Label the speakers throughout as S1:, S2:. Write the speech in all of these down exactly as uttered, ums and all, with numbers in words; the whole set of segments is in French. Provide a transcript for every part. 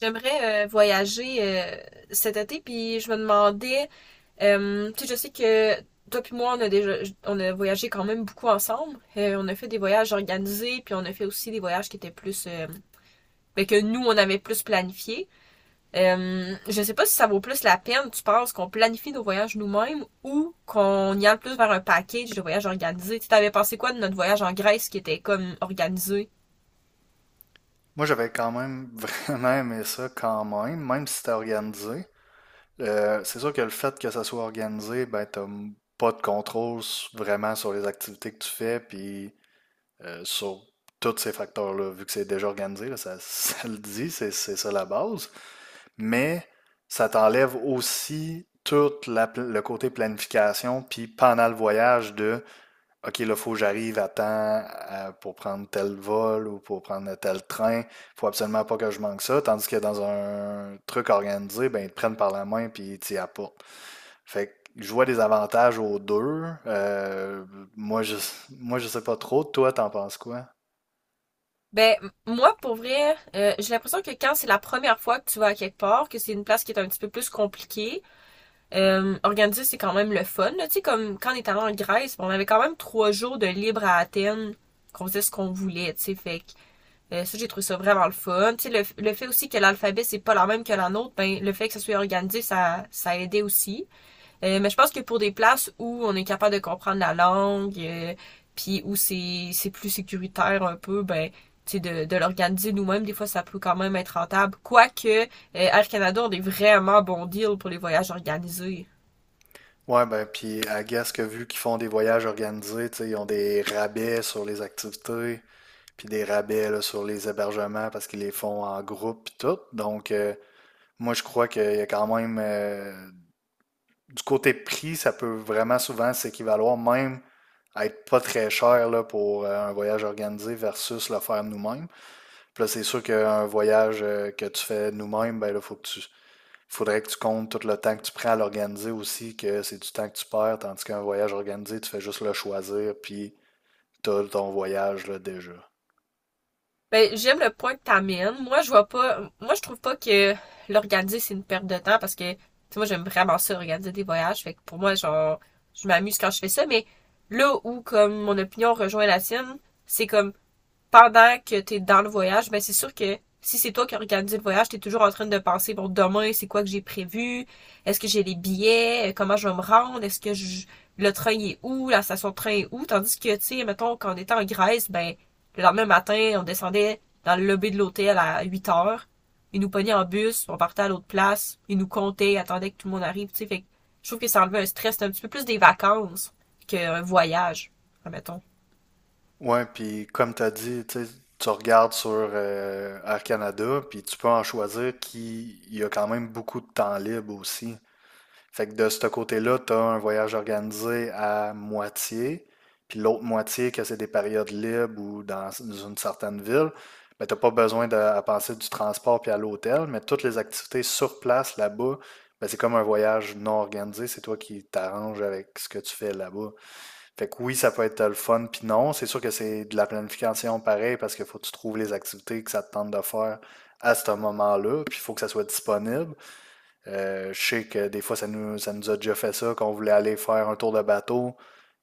S1: J'aimerais euh, voyager euh, cet été, puis je me demandais, euh, tu sais, je sais que toi puis moi, on a déjà, on a voyagé quand même beaucoup ensemble. Euh, on a fait des voyages organisés, puis on a fait aussi des voyages qui étaient plus, euh, ben, que nous, on avait plus planifié. Euh, je sais pas si ça vaut plus la peine, tu penses, qu'on planifie nos voyages nous-mêmes ou qu'on y aille plus vers un package de voyages organisés. Tu t'avais pensé quoi de notre voyage en Grèce qui était comme organisé?
S2: Moi, j'avais quand même vraiment aimé ça quand même, même si c'était organisé. Euh, c'est sûr que le fait que ça soit organisé, ben, t'as m- pas de contrôle s- vraiment sur les activités que tu fais, puis euh, sur tous ces facteurs-là, vu que c'est déjà organisé, là, ça, ça le dit, c'est c'est ça la base. Mais ça t'enlève aussi tout la pl- le côté planification, puis pendant le voyage de OK, là, il faut que j'arrive à temps à- pour prendre tel vol ou pour prendre tel train. Faut absolument pas que je manque ça. Tandis que dans un truc organisé, ben, ils te prennent par la main puis ils t'y apportent. Fait que je vois des avantages aux deux. Euh, moi, je, moi, je sais pas trop. Toi, t'en penses quoi?
S1: Ben, moi, pour vrai, euh, j'ai l'impression que quand c'est la première fois que tu vas à quelque part, que c'est une place qui est un petit peu plus compliquée, euh, organiser, c'est quand même le fun, là. Tu sais, comme quand on est allé en Grèce, bon, on avait quand même trois jours de libre à Athènes, qu'on faisait ce qu'on voulait, tu sais, fait que euh, ça, j'ai trouvé ça vraiment le fun. Tu sais, le, le fait aussi que l'alphabet, c'est pas la même que la nôtre, ben, le fait que ça soit organisé, ça, ça aidait aussi. Euh, mais je pense que pour des places où on est capable de comprendre la langue, euh, puis où c'est c'est plus sécuritaire un peu, ben tu sais, de, de l'organiser nous-mêmes, des fois ça peut quand même être rentable. Quoique euh, Air Canada, on est vraiment bon deal pour les voyages organisés.
S2: Ouais, ben, puis à guess que vu qu'ils font des voyages organisés, tu sais, ils ont des rabais sur les activités, puis des rabais là, sur les hébergements parce qu'ils les font en groupe, puis tout. Donc, euh, moi, je crois qu'il y a quand même, euh, du côté prix, ça peut vraiment souvent s'équivaloir même à être pas très cher là, pour euh, un voyage organisé versus le faire nous-mêmes. Puis là, c'est sûr qu'un voyage euh, que tu fais nous-mêmes, ben là, faut que tu, faudrait que tu comptes tout le temps que tu prends à l'organiser aussi, que c'est du temps que tu perds, tandis qu'un voyage organisé, tu fais juste le choisir, puis t'as ton voyage là, déjà.
S1: Ben, j'aime le point que t'amènes. Moi, je vois pas, moi, je trouve pas que l'organiser, c'est une perte de temps parce que, tu sais, moi, j'aime vraiment ça, organiser des voyages. Fait que pour moi, genre, je m'amuse quand je fais ça, mais là où, comme, mon opinion rejoint la tienne, c'est comme, pendant que t'es dans le voyage, ben c'est sûr que si c'est toi qui as organisé le voyage, t'es toujours en train de penser, bon, demain, c'est quoi que j'ai prévu? Est-ce que j'ai les billets? Comment je vais me rendre? Est-ce que je- le train est où? La station de train est où? Tandis que, tu sais, mettons, quand on était en Grèce, ben, le lendemain matin, on descendait dans le lobby de l'hôtel à huit heures. Ils nous pognaient en bus, on partait à l'autre place, ils nous comptaient, attendaient que tout le monde arrive, tu sais. Fait que je trouve que ça enlevait un stress, c'est un petit peu plus des vacances qu'un voyage, admettons.
S2: Ouais, puis comme tu as dit, tu sais, tu regardes sur euh, Air Canada, puis tu peux en choisir qui il y a quand même beaucoup de temps libre aussi. Fait que de ce côté-là, tu as un voyage organisé à moitié, puis l'autre moitié, que c'est des périodes libres ou dans une certaine ville, ben t'as pas besoin de à penser du transport puis à l'hôtel, mais toutes les activités sur place là-bas, ben, c'est comme un voyage non organisé, c'est toi qui t'arranges avec ce que tu fais là-bas. Fait que oui, ça peut être le fun, puis non. C'est sûr que c'est de la planification pareil parce qu'il faut que tu trouves les activités que ça te tente de faire à ce moment-là, puis il faut que ça soit disponible. Euh, je sais que des fois, ça nous, ça nous a déjà fait ça, qu'on voulait aller faire un tour de bateau.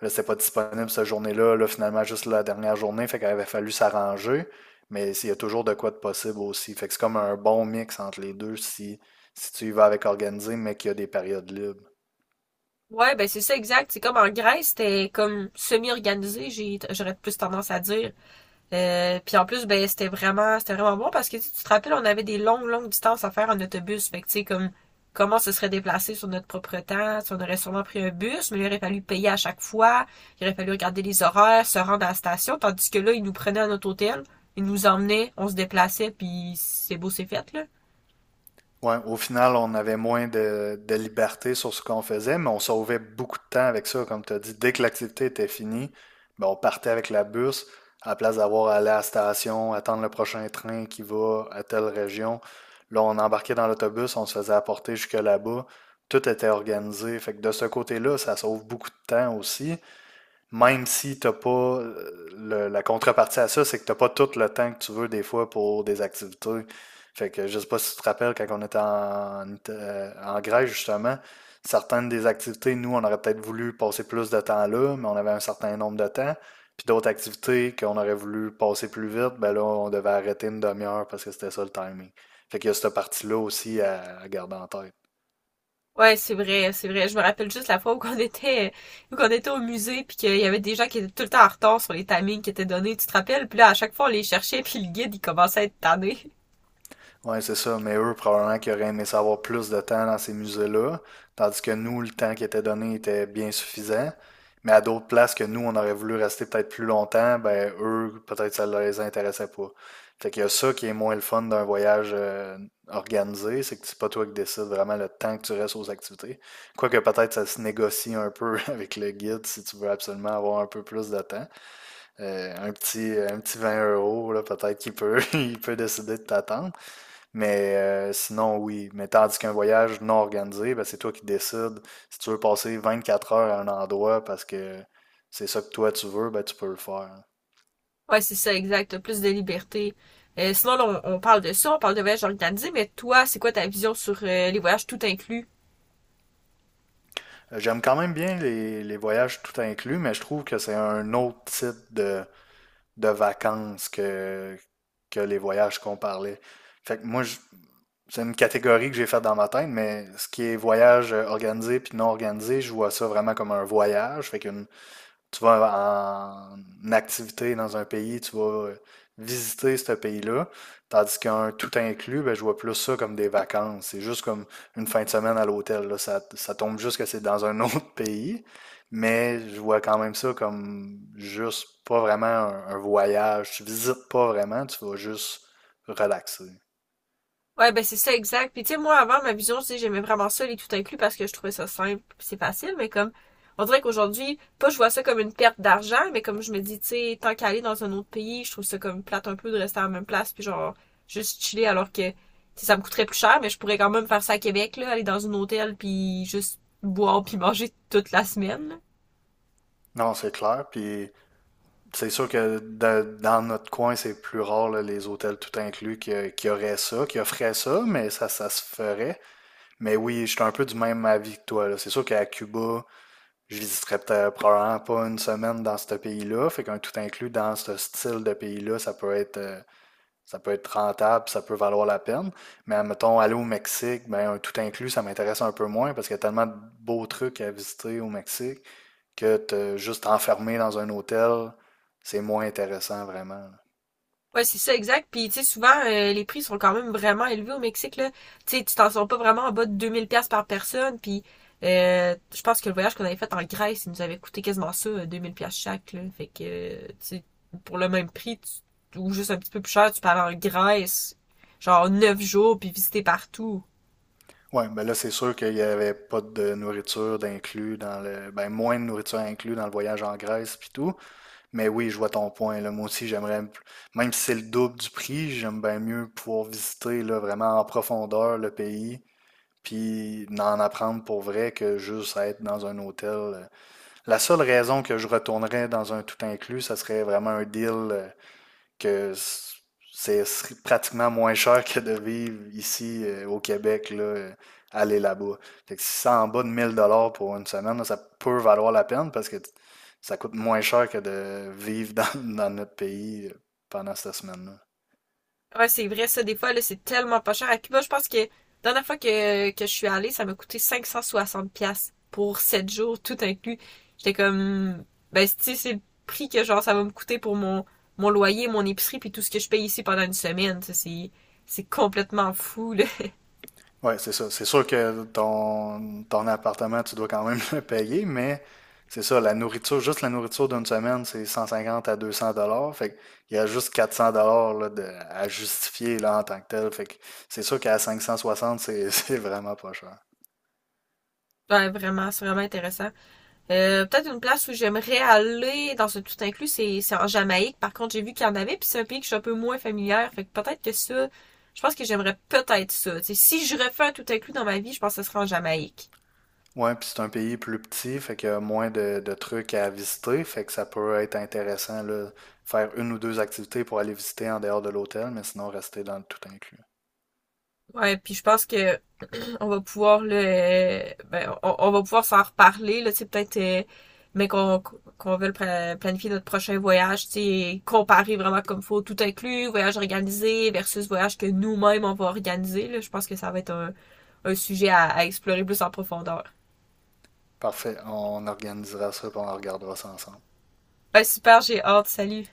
S2: Là, c'était pas disponible cette journée-là. Là, finalement, juste la dernière journée, fait qu'il avait fallu s'arranger. Mais il y a toujours de quoi de possible aussi. Fait que c'est comme un bon mix entre les deux si, si tu y vas avec organisé, mais qu'il y a des périodes libres.
S1: Ouais, ben c'est ça, exact. C'est comme en Grèce, c'était comme semi-organisé, j'ai j'aurais plus tendance à dire. Euh, puis en plus, ben c'était vraiment c'était vraiment bon parce que tu sais, tu te rappelles, on avait des longues, longues distances à faire en autobus. Fait que tu sais, comme comment se serait déplacé sur notre propre temps, tu sais, on aurait sûrement pris un bus, mais il aurait fallu payer à chaque fois, il aurait fallu regarder les horaires, se rendre à la station, tandis que là, ils nous prenaient à notre hôtel, ils nous emmenaient, on se déplaçait, puis c'est beau, c'est fait, là.
S2: Ouais, au final, on avait moins de, de liberté sur ce qu'on faisait, mais on sauvait beaucoup de temps avec ça, comme tu as dit. Dès que l'activité était finie, ben, on partait avec la bus, à la place d'avoir à aller à la station, attendre le prochain train qui va à telle région. Là, on embarquait dans l'autobus, on se faisait apporter jusque là-bas. Tout était organisé. Fait que de ce côté-là, ça sauve beaucoup de temps aussi même si t'as pas euh, le- la contrepartie à ça, c'est que t'as pas tout le temps que tu veux des fois pour des activités. Fait que je sais pas si tu te rappelles quand on était en, Ita- euh, en Grèce justement, certaines des activités, nous, on aurait peut-être voulu passer plus de temps là, mais on avait un certain nombre de temps. Puis d'autres activités qu'on aurait voulu passer plus vite, ben là, on devait arrêter une demi-heure parce que c'était ça le timing. Fait qu'il y a cette partie-là aussi à à garder en tête.
S1: Ouais, c'est vrai, c'est vrai. Je me rappelle juste la fois où qu'on était, où qu'on était au musée, puis qu'il y avait des gens qui étaient tout le temps en retard sur les timings qui étaient donnés, tu te rappelles? Puis là, à chaque fois, on les cherchait, puis le guide, il commençait à être tanné.
S2: Ouais, c'est ça. Mais eux, probablement qu'ils auraient aimé savoir plus de temps dans ces musées-là, tandis que nous, le temps qui était donné était bien suffisant. Mais à d'autres places que nous, on aurait voulu rester peut-être plus longtemps, ben eux, peut-être ça les intéressait pas. Fait qu'il y a ça qui est moins le fun d'un voyage euh, organisé, c'est que c'est pas toi qui décides vraiment le temps que tu restes aux activités. Quoique peut-être ça se négocie un peu avec le guide si tu veux absolument avoir un peu plus de temps. Euh, un petit, un petit vingt euros, là, peut-être qu'il peut, il peut décider de t'attendre. Mais euh, sinon, oui. Mais tandis qu'un voyage non organisé, ben, c'est toi qui décides. Si tu veux passer vingt-quatre heures à un endroit parce que c'est ça que toi tu veux, ben, tu peux le faire.
S1: Ouais, c'est ça, exact. T'as plus de liberté. Euh, sinon, là, on, on parle de ça, on parle de voyage organisé, mais toi, c'est quoi ta vision sur euh, les voyages tout inclus?
S2: Euh, J'aime quand même bien les, les voyages tout inclus, mais je trouve que c'est un autre type de, de vacances que, que les voyages qu'on parlait. Fait que moi, je- c'est une catégorie que j'ai faite dans ma tête, mais ce qui est voyage euh, organisé puis non organisé, je vois ça vraiment comme un voyage. Fait qu'une tu vas en activité dans un pays, tu vas euh, visiter ce pays-là. Tandis qu'un tout inclus, ben, je vois plus ça comme des vacances. C'est juste comme une fin de semaine à l'hôtel. Là. Ça, ça tombe juste que c'est dans un autre pays, mais je vois quand même ça comme juste pas vraiment un, un voyage. Tu visites pas vraiment, tu vas juste relaxer.
S1: Ouais, ben c'est ça, exact. Puis tu sais, moi, avant, ma vision, tu sais, j'aimais vraiment ça, les tout inclus, parce que je trouvais ça simple, puis c'est facile, mais comme, on dirait qu'aujourd'hui, pas je vois ça comme une perte d'argent, mais comme je me dis, tu sais, tant qu'à aller dans un autre pays, je trouve ça comme plate un peu de rester à la même place, puis genre, juste chiller, alors que, tu sais, ça me coûterait plus cher, mais je pourrais quand même faire ça à Québec, là, aller dans un hôtel, puis juste boire, puis manger toute la semaine, là.
S2: Non, c'est clair. Puis c'est sûr que de- dans notre coin, c'est plus rare, là, les hôtels tout inclus qui, qui auraient ça, qui offraient ça, mais ça, ça se ferait. Mais oui, je suis un peu du même avis que toi, là. C'est sûr qu'à Cuba, je visiterais peut-être probablement pas une semaine dans ce pays-là. Fait qu'un tout inclus dans ce style de pays-là, ça peut être, euh, ça peut être rentable, ça peut valoir la peine. Mais mettons, aller au Mexique, ben, un tout inclus, ça m'intéresse un peu moins parce qu'il y a tellement de beaux trucs à visiter au Mexique que te juste enfermé dans un hôtel, c'est moins intéressant vraiment.
S1: Ouais, c'est ça, exact. Puis, tu sais, souvent, euh, les prix sont quand même vraiment élevés au Mexique, là. Tu sais, tu t'en sors pas vraiment en bas de deux mille pièces par personne. Puis, euh, je pense que le voyage qu'on avait fait en Grèce, il nous avait coûté quasiment ça, euh, deux mille pièces chaque, là. Fait que, euh, tu sais, pour le même prix, tu- ou juste un petit peu plus cher, tu peux aller en Grèce, genre neuf jours, puis visiter partout.
S2: Oui, ben là, c'est sûr qu'il n'y avait pas de nourriture d'inclus dans le. Ben, moins de nourriture inclus dans le voyage en Grèce puis tout. Mais oui, je vois ton point. Là. Moi aussi, j'aimerais. m- même si c'est le double du prix, j'aime bien mieux pouvoir visiter là, vraiment en profondeur le pays puis en apprendre pour vrai que juste être dans un hôtel. euh. La seule raison que je retournerais dans un tout inclus, ça serait vraiment un deal euh, que c'est pratiquement moins cher que de vivre ici euh, au Québec, là, euh, aller là-bas. Fait que si c'est en bas de mille dollars pour une semaine, là, ça peut valoir la peine parce que ça coûte moins cher que de vivre dans, dans notre pays euh, pendant cette semaine-là.
S1: Ouais, c'est vrai, ça, des fois, là, c'est tellement pas cher. À Cuba, je pense que, la dernière fois que, que je suis allée, ça m'a coûté cinq cent soixante$ piastres pour sept jours, tout inclus. J'étais comme, ben, tu sais, c'est le prix que, genre, ça va me coûter pour mon, mon loyer, mon épicerie, puis tout ce que je paye ici pendant une semaine. Ça, C'est, c'est complètement fou, là.
S2: Ouais, c'est ça. C'est sûr que ton, ton appartement, tu dois quand même le payer, mais c'est ça, la nourriture, juste la nourriture d'une semaine, c'est cent cinquante à deux cents dollars. Fait qu'il y a juste quatre cents dollars là, de- à justifier là, en tant que tel. Fait que c'est sûr qu'à cinq cent soixante, c'est c'est vraiment pas cher.
S1: Ouais, vraiment, c'est vraiment intéressant. Euh, peut-être une place où j'aimerais aller dans ce tout inclus, c'est, c'est en Jamaïque. Par contre, j'ai vu qu'il y en avait, puis c'est un pays que je suis un peu moins familière. Fait que peut-être que ça, je pense que j'aimerais peut-être ça. T'sais, si je refais un tout inclus dans ma vie, je pense que ce serait en Jamaïque.
S2: Ouais, puis c'est un pays plus petit, fait qu'il y a moins de, de trucs à visiter. Fait que ça peut être intéressant là, faire une ou deux activités pour aller visiter en dehors de l'hôtel, mais sinon rester dans le tout inclus.
S1: Ouais, puis je pense que on va pouvoir le, ben, on, on va pouvoir s'en reparler là, tu sais, peut-être, euh, mais qu'on qu'on veut planifier notre prochain voyage, tu sais, comparer vraiment comme faut, tout inclus, voyage organisé versus voyage que nous-mêmes on va organiser. Là, je pense que ça va être un, un sujet à, à explorer plus en profondeur.
S2: Parfait, on organisera ça puis on regardera ça ensemble.
S1: Ben, super, j'ai hâte. Salut.